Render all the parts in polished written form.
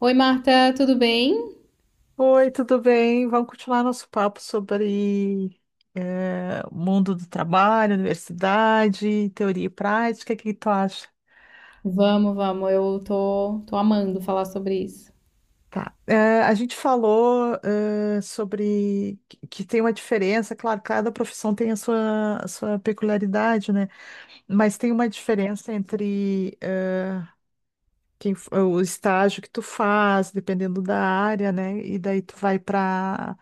Oi, Marta, tudo bem? Oi, tudo bem? Vamos continuar nosso papo sobre o mundo do trabalho, universidade, teoria e prática. O que que tu acha? Vamos, vamos, eu tô amando falar sobre isso. Tá. A gente falou sobre que tem uma diferença, claro, cada profissão tem a sua peculiaridade, né? Mas tem uma diferença entre o estágio que tu faz, dependendo da área, né? E daí tu vai para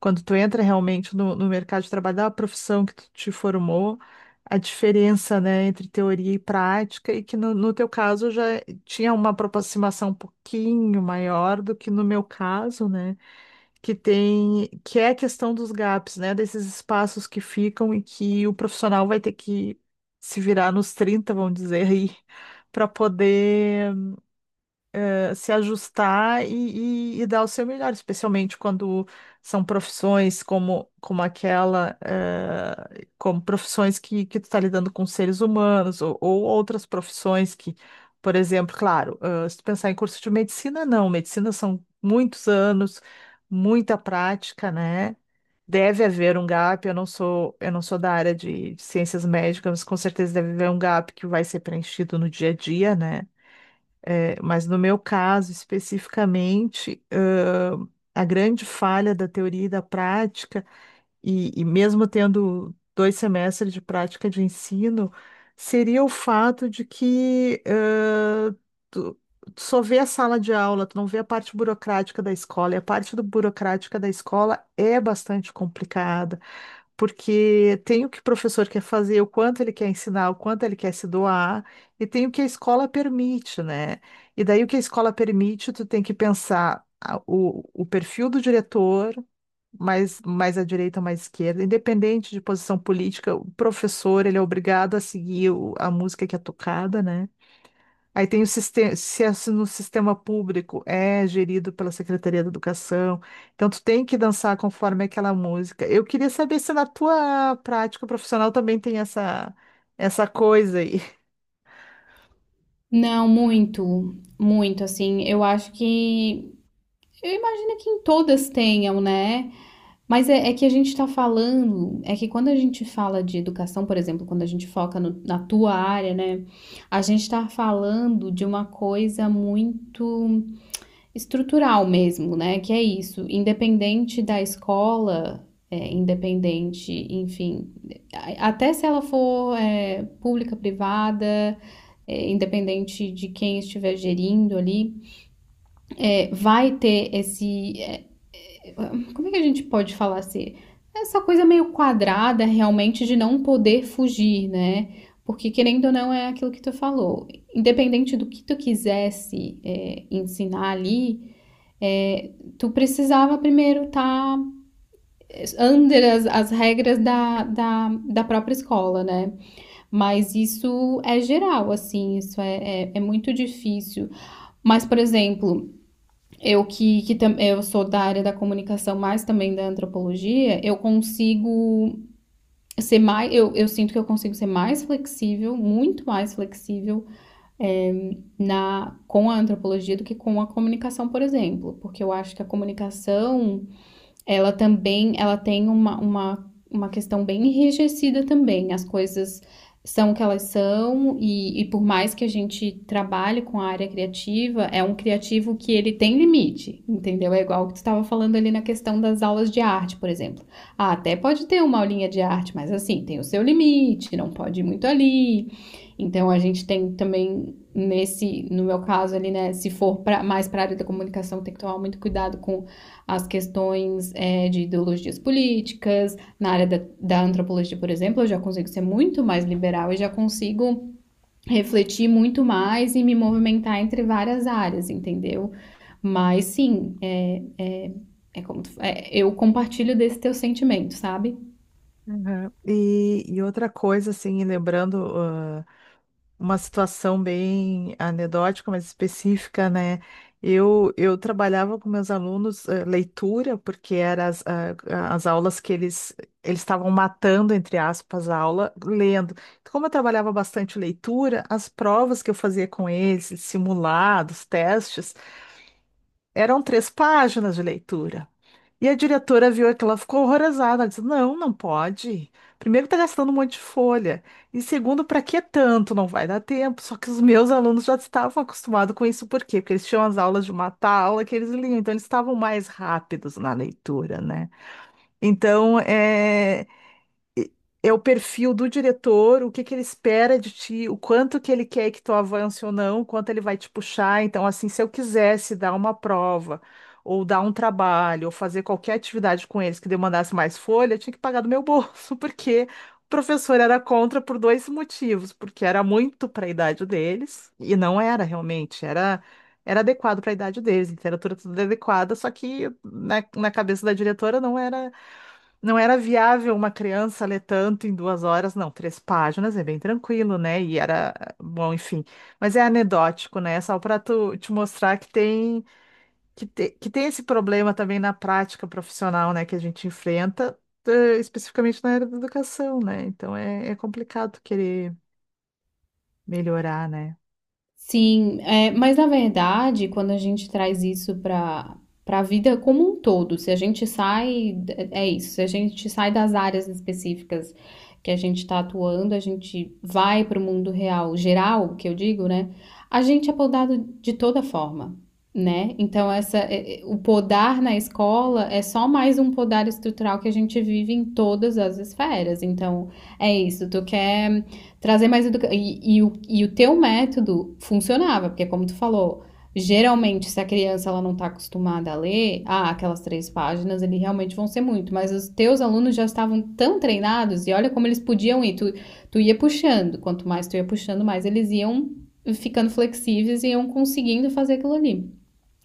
quando tu entra realmente no mercado de trabalho, da profissão que tu te formou, a diferença, né, entre teoria e prática, e que no teu caso já tinha uma aproximação um pouquinho maior do que no meu caso, né? Que tem, que é a questão dos gaps, né? Desses espaços que ficam e que o profissional vai ter que se virar nos 30, vamos dizer aí, para poder se ajustar e dar o seu melhor, especialmente quando são profissões como aquela, como profissões que tu está lidando com seres humanos ou outras profissões que, por exemplo, claro, se tu pensar em curso de medicina, não, medicina são muitos anos, muita prática, né? Deve haver um gap, eu não sou da área de ciências médicas, mas com certeza deve haver um gap que vai ser preenchido no dia a dia, né? É, mas no meu caso, especificamente, a grande falha da teoria e da prática, e mesmo tendo 2 semestres de prática de ensino, seria o fato de que tu, tu só vê a sala de aula, tu não vê a parte burocrática da escola, e a parte do burocrática da escola é bastante complicada porque tem o que o professor quer fazer, o quanto ele quer ensinar, o quanto ele quer se doar, e tem o que a escola permite, né? E daí o que a escola permite, tu tem que pensar o perfil do diretor, mais à direita, mais à esquerda, independente de posição política, o professor, ele é obrigado a seguir a música que é tocada, né? Aí tem o sistema, se é no sistema público, é gerido pela Secretaria da Educação. Então tu tem que dançar conforme aquela música. Eu queria saber se na tua prática profissional também tem essa coisa aí. Não, muito, muito, assim, eu imagino que em todas tenham, né? Mas é que a gente tá falando, é que quando a gente fala de educação, por exemplo, quando a gente foca na tua área, né? A gente tá falando de uma coisa muito estrutural mesmo, né? Que é isso, independente da escola, independente, enfim. Até se ela for pública, privada, independente de quem estiver gerindo ali, vai ter esse. Como é que a gente pode falar assim? Essa coisa meio quadrada realmente de não poder fugir, né? Porque querendo ou não é aquilo que tu falou. Independente do que tu quisesse ensinar ali, é, tu precisava primeiro estar tá under as regras da própria escola, né? Mas isso é geral, assim, isso é muito difícil. Mas, por exemplo, eu que tam- eu sou da área da comunicação, mas também da antropologia, eu consigo ser mais, eu sinto que eu consigo ser mais flexível, muito mais flexível na com a antropologia do que com a comunicação, por exemplo, porque eu acho que a comunicação ela também, ela tem uma questão bem enrijecida também. As coisas são o que elas são e por mais que a gente trabalhe com a área criativa, é um criativo que ele tem limite, entendeu? É igual o que tu estava falando ali na questão das aulas de arte, por exemplo. Ah, até pode ter uma aulinha de arte, mas assim, tem o seu limite, não pode ir muito ali. Então a gente tem também nesse, no meu caso ali, né, se for pra, mais para a área da comunicação, tem que tomar muito cuidado com as questões, né, de ideologias políticas, na área da antropologia, por exemplo, eu já consigo ser muito mais liberal e já consigo refletir muito mais e me movimentar entre várias áreas, entendeu? Mas sim, eu compartilho desse teu sentimento, sabe? Uhum. E outra coisa, assim, lembrando, uma situação bem anedótica, mas específica, né? Eu trabalhava com meus alunos leitura, porque eram as aulas que eles estavam matando, entre aspas, a aula, lendo. Então, como eu trabalhava bastante leitura, as provas que eu fazia com eles, simulados, testes, eram três páginas de leitura. E a diretora viu aquilo, ela ficou horrorizada. Ela disse: Não, não pode. Primeiro, está gastando um monte de folha. E segundo, para que tanto? Não vai dar tempo. Só que os meus alunos já estavam acostumados com isso, por quê? Porque eles tinham as aulas de mata aula que eles liam, então eles estavam mais rápidos na leitura, né? Então, e- é o perfil do diretor, o que que ele espera de ti, o quanto que ele quer que tu avance ou não, o quanto ele vai te puxar. Então, assim, se eu quisesse dar uma prova, ou dar um trabalho, ou fazer qualquer atividade com eles que demandasse mais folha, eu tinha que pagar do meu bolso, porque o professor era contra por dois motivos, porque era muito para a idade deles, e não era realmente, era. Era adequado para a idade deles, literatura tudo adequada, só que na cabeça da diretora não era viável uma criança ler tanto em 2 horas, não, três páginas é bem tranquilo, né? E era, bom, enfim. Mas é anedótico, né? Só para tu te mostrar que tem, que tem esse problema também na prática profissional, né? Que a gente enfrenta, especificamente na área da educação, né? Então é complicado querer melhorar, né? Sim, mas na verdade, quando a gente traz isso para a vida como um todo, se a gente sai, é isso, se a gente sai das áreas específicas que a gente está atuando, a gente vai para o mundo real, geral, que eu digo, né? A gente é podado de toda forma, né? Então, o podar na escola é só mais um podar estrutural que a gente vive em todas as esferas. Então, é isso, tu quer. Trazer mais educação. E o teu método funcionava, porque como tu falou, geralmente se a criança ela não está acostumada a ler, ah, aquelas três páginas, eles realmente vão ser muito, mas os teus alunos já estavam tão treinados e olha como eles podiam ir, tu ia puxando, quanto mais tu ia puxando, mais eles iam ficando flexíveis e iam conseguindo fazer aquilo ali.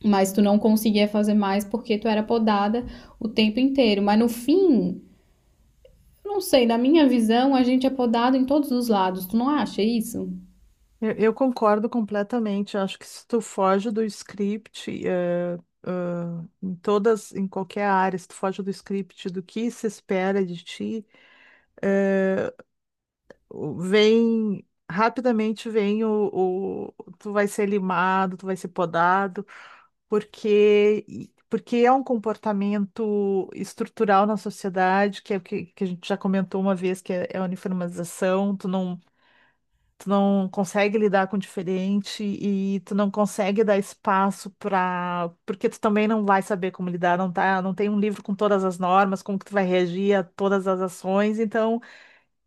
Mas tu não conseguia fazer mais porque tu era podada o tempo inteiro. Mas no fim, não sei, na minha visão, a gente é podado em todos os lados. Tu não acha isso? Eu concordo completamente. Eu acho que se tu foge do script, em todas, em qualquer área, se tu foge do script, do que se espera de ti, eh, vem rapidamente, vem tu vai ser limado, tu vai ser podado, porque é um comportamento estrutural na sociedade, que é o que, que a gente já comentou uma vez, que é, é a uniformização, tu não consegue lidar com o diferente e tu não consegue dar espaço para, porque tu também não vai saber como lidar, não tá, não tem um livro com todas as normas, como que tu vai reagir a todas as ações, então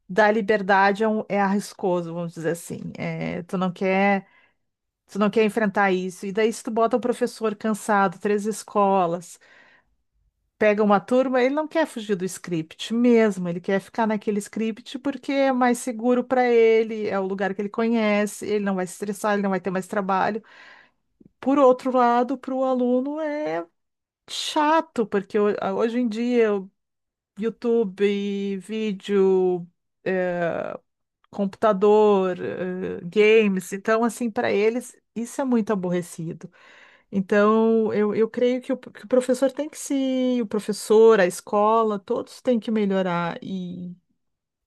dar liberdade é arriscoso, vamos dizer assim. É, tu não quer enfrentar isso. E daí se tu bota o professor cansado, três escolas, pega uma turma, ele não quer fugir do script mesmo, ele quer ficar naquele script porque é mais seguro para ele, é o lugar que ele conhece, ele não vai se estressar, ele não vai ter mais trabalho. Por outro lado, para o aluno é chato, porque hoje em dia o YouTube, vídeo, é, computador, games, então assim, para eles isso é muito aborrecido. Então, eu creio que que o professor tem que se, o professor, a escola, todos têm que melhorar e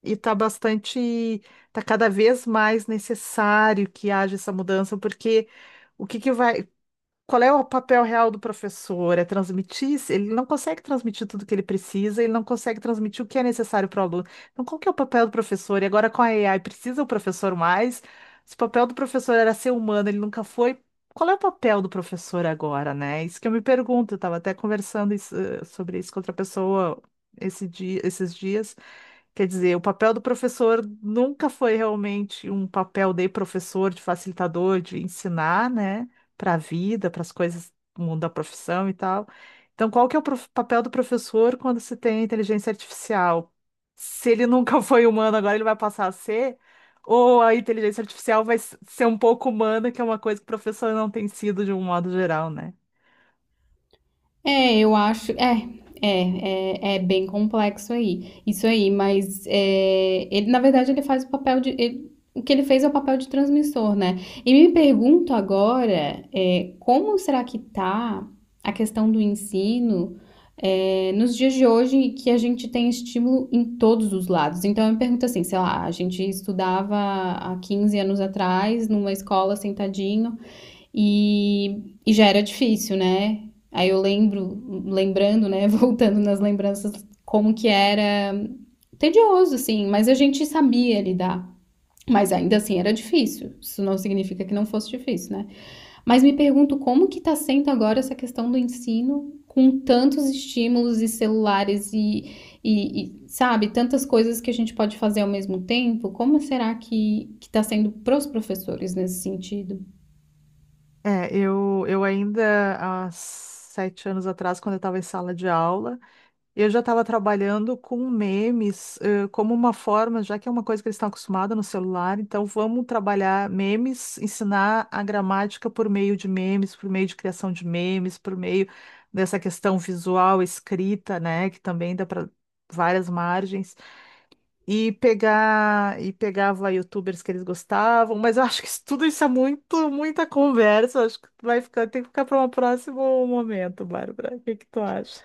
e tá cada vez mais necessário que haja essa mudança, porque o que que vai, qual é o papel real do professor? É transmitir? Se Ele não consegue transmitir tudo que ele precisa, ele não consegue transmitir o que é necessário para o aluno. Então, qual que é o papel do professor? E agora com a AI, precisa o professor mais? Se o papel do professor era ser humano, ele nunca foi. Qual é o papel do professor agora, né? Isso que eu me pergunto. Eu estava até conversando isso, sobre isso com outra pessoa esses dias. Quer dizer, o papel do professor nunca foi realmente um papel de professor, de facilitador, de ensinar, né, para a vida, para as coisas do mundo da profissão e tal. Então, qual que é o papel do professor quando se tem inteligência artificial? Se ele nunca foi humano, agora ele vai passar a ser? Ou a inteligência artificial vai ser um pouco humana, que é uma coisa que o professor não tem sido de um modo geral, né? É, eu acho. É bem complexo aí. Isso aí, mas ele, na verdade, ele faz o papel de. O que ele fez é o papel de transmissor, né? E me pergunto agora, como será que tá a questão do ensino, nos dias de hoje que a gente tem estímulo em todos os lados? Então eu me pergunto assim, sei lá, a gente estudava há 15 anos atrás numa escola sentadinho. E já era difícil, né? Aí eu lembro, lembrando, né? Voltando nas lembranças, como que era tedioso, assim, mas a gente sabia lidar. Mas ainda assim era difícil. Isso não significa que não fosse difícil, né? Mas me pergunto como que tá sendo agora essa questão do ensino com tantos estímulos e celulares e, sabe, tantas coisas que a gente pode fazer ao mesmo tempo. Como será que tá sendo pros professores nesse sentido? É, eu ainda, há 7 anos atrás, quando eu estava em sala de aula, eu já estava trabalhando com memes, como uma forma, já que é uma coisa que eles estão acostumados no celular, então vamos trabalhar memes, ensinar a gramática por meio de memes, por meio de criação de memes, por meio dessa questão visual, escrita, né, que também dá para várias margens, e pegar e pegava youtubers que eles gostavam, mas eu acho que isso, tudo isso é muito, muita conversa, acho que vai ficar, tem que ficar para um próximo momento, Bárbara. O que que tu acha?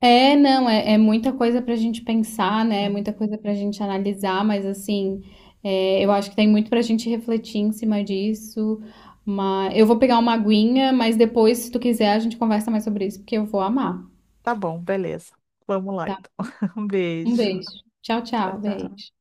É, não, é muita coisa para a gente pensar, né? É muita coisa para a gente analisar, mas assim, eu acho que tem muito para a gente refletir em cima disso. Mas eu vou pegar uma aguinha, mas depois, se tu quiser, a gente conversa mais sobre isso, porque eu vou amar, Tá bom, beleza. Vamos lá tá? então. Um Um beijo. beijo. Tchau, Tchau, tchau, beijo. tchau.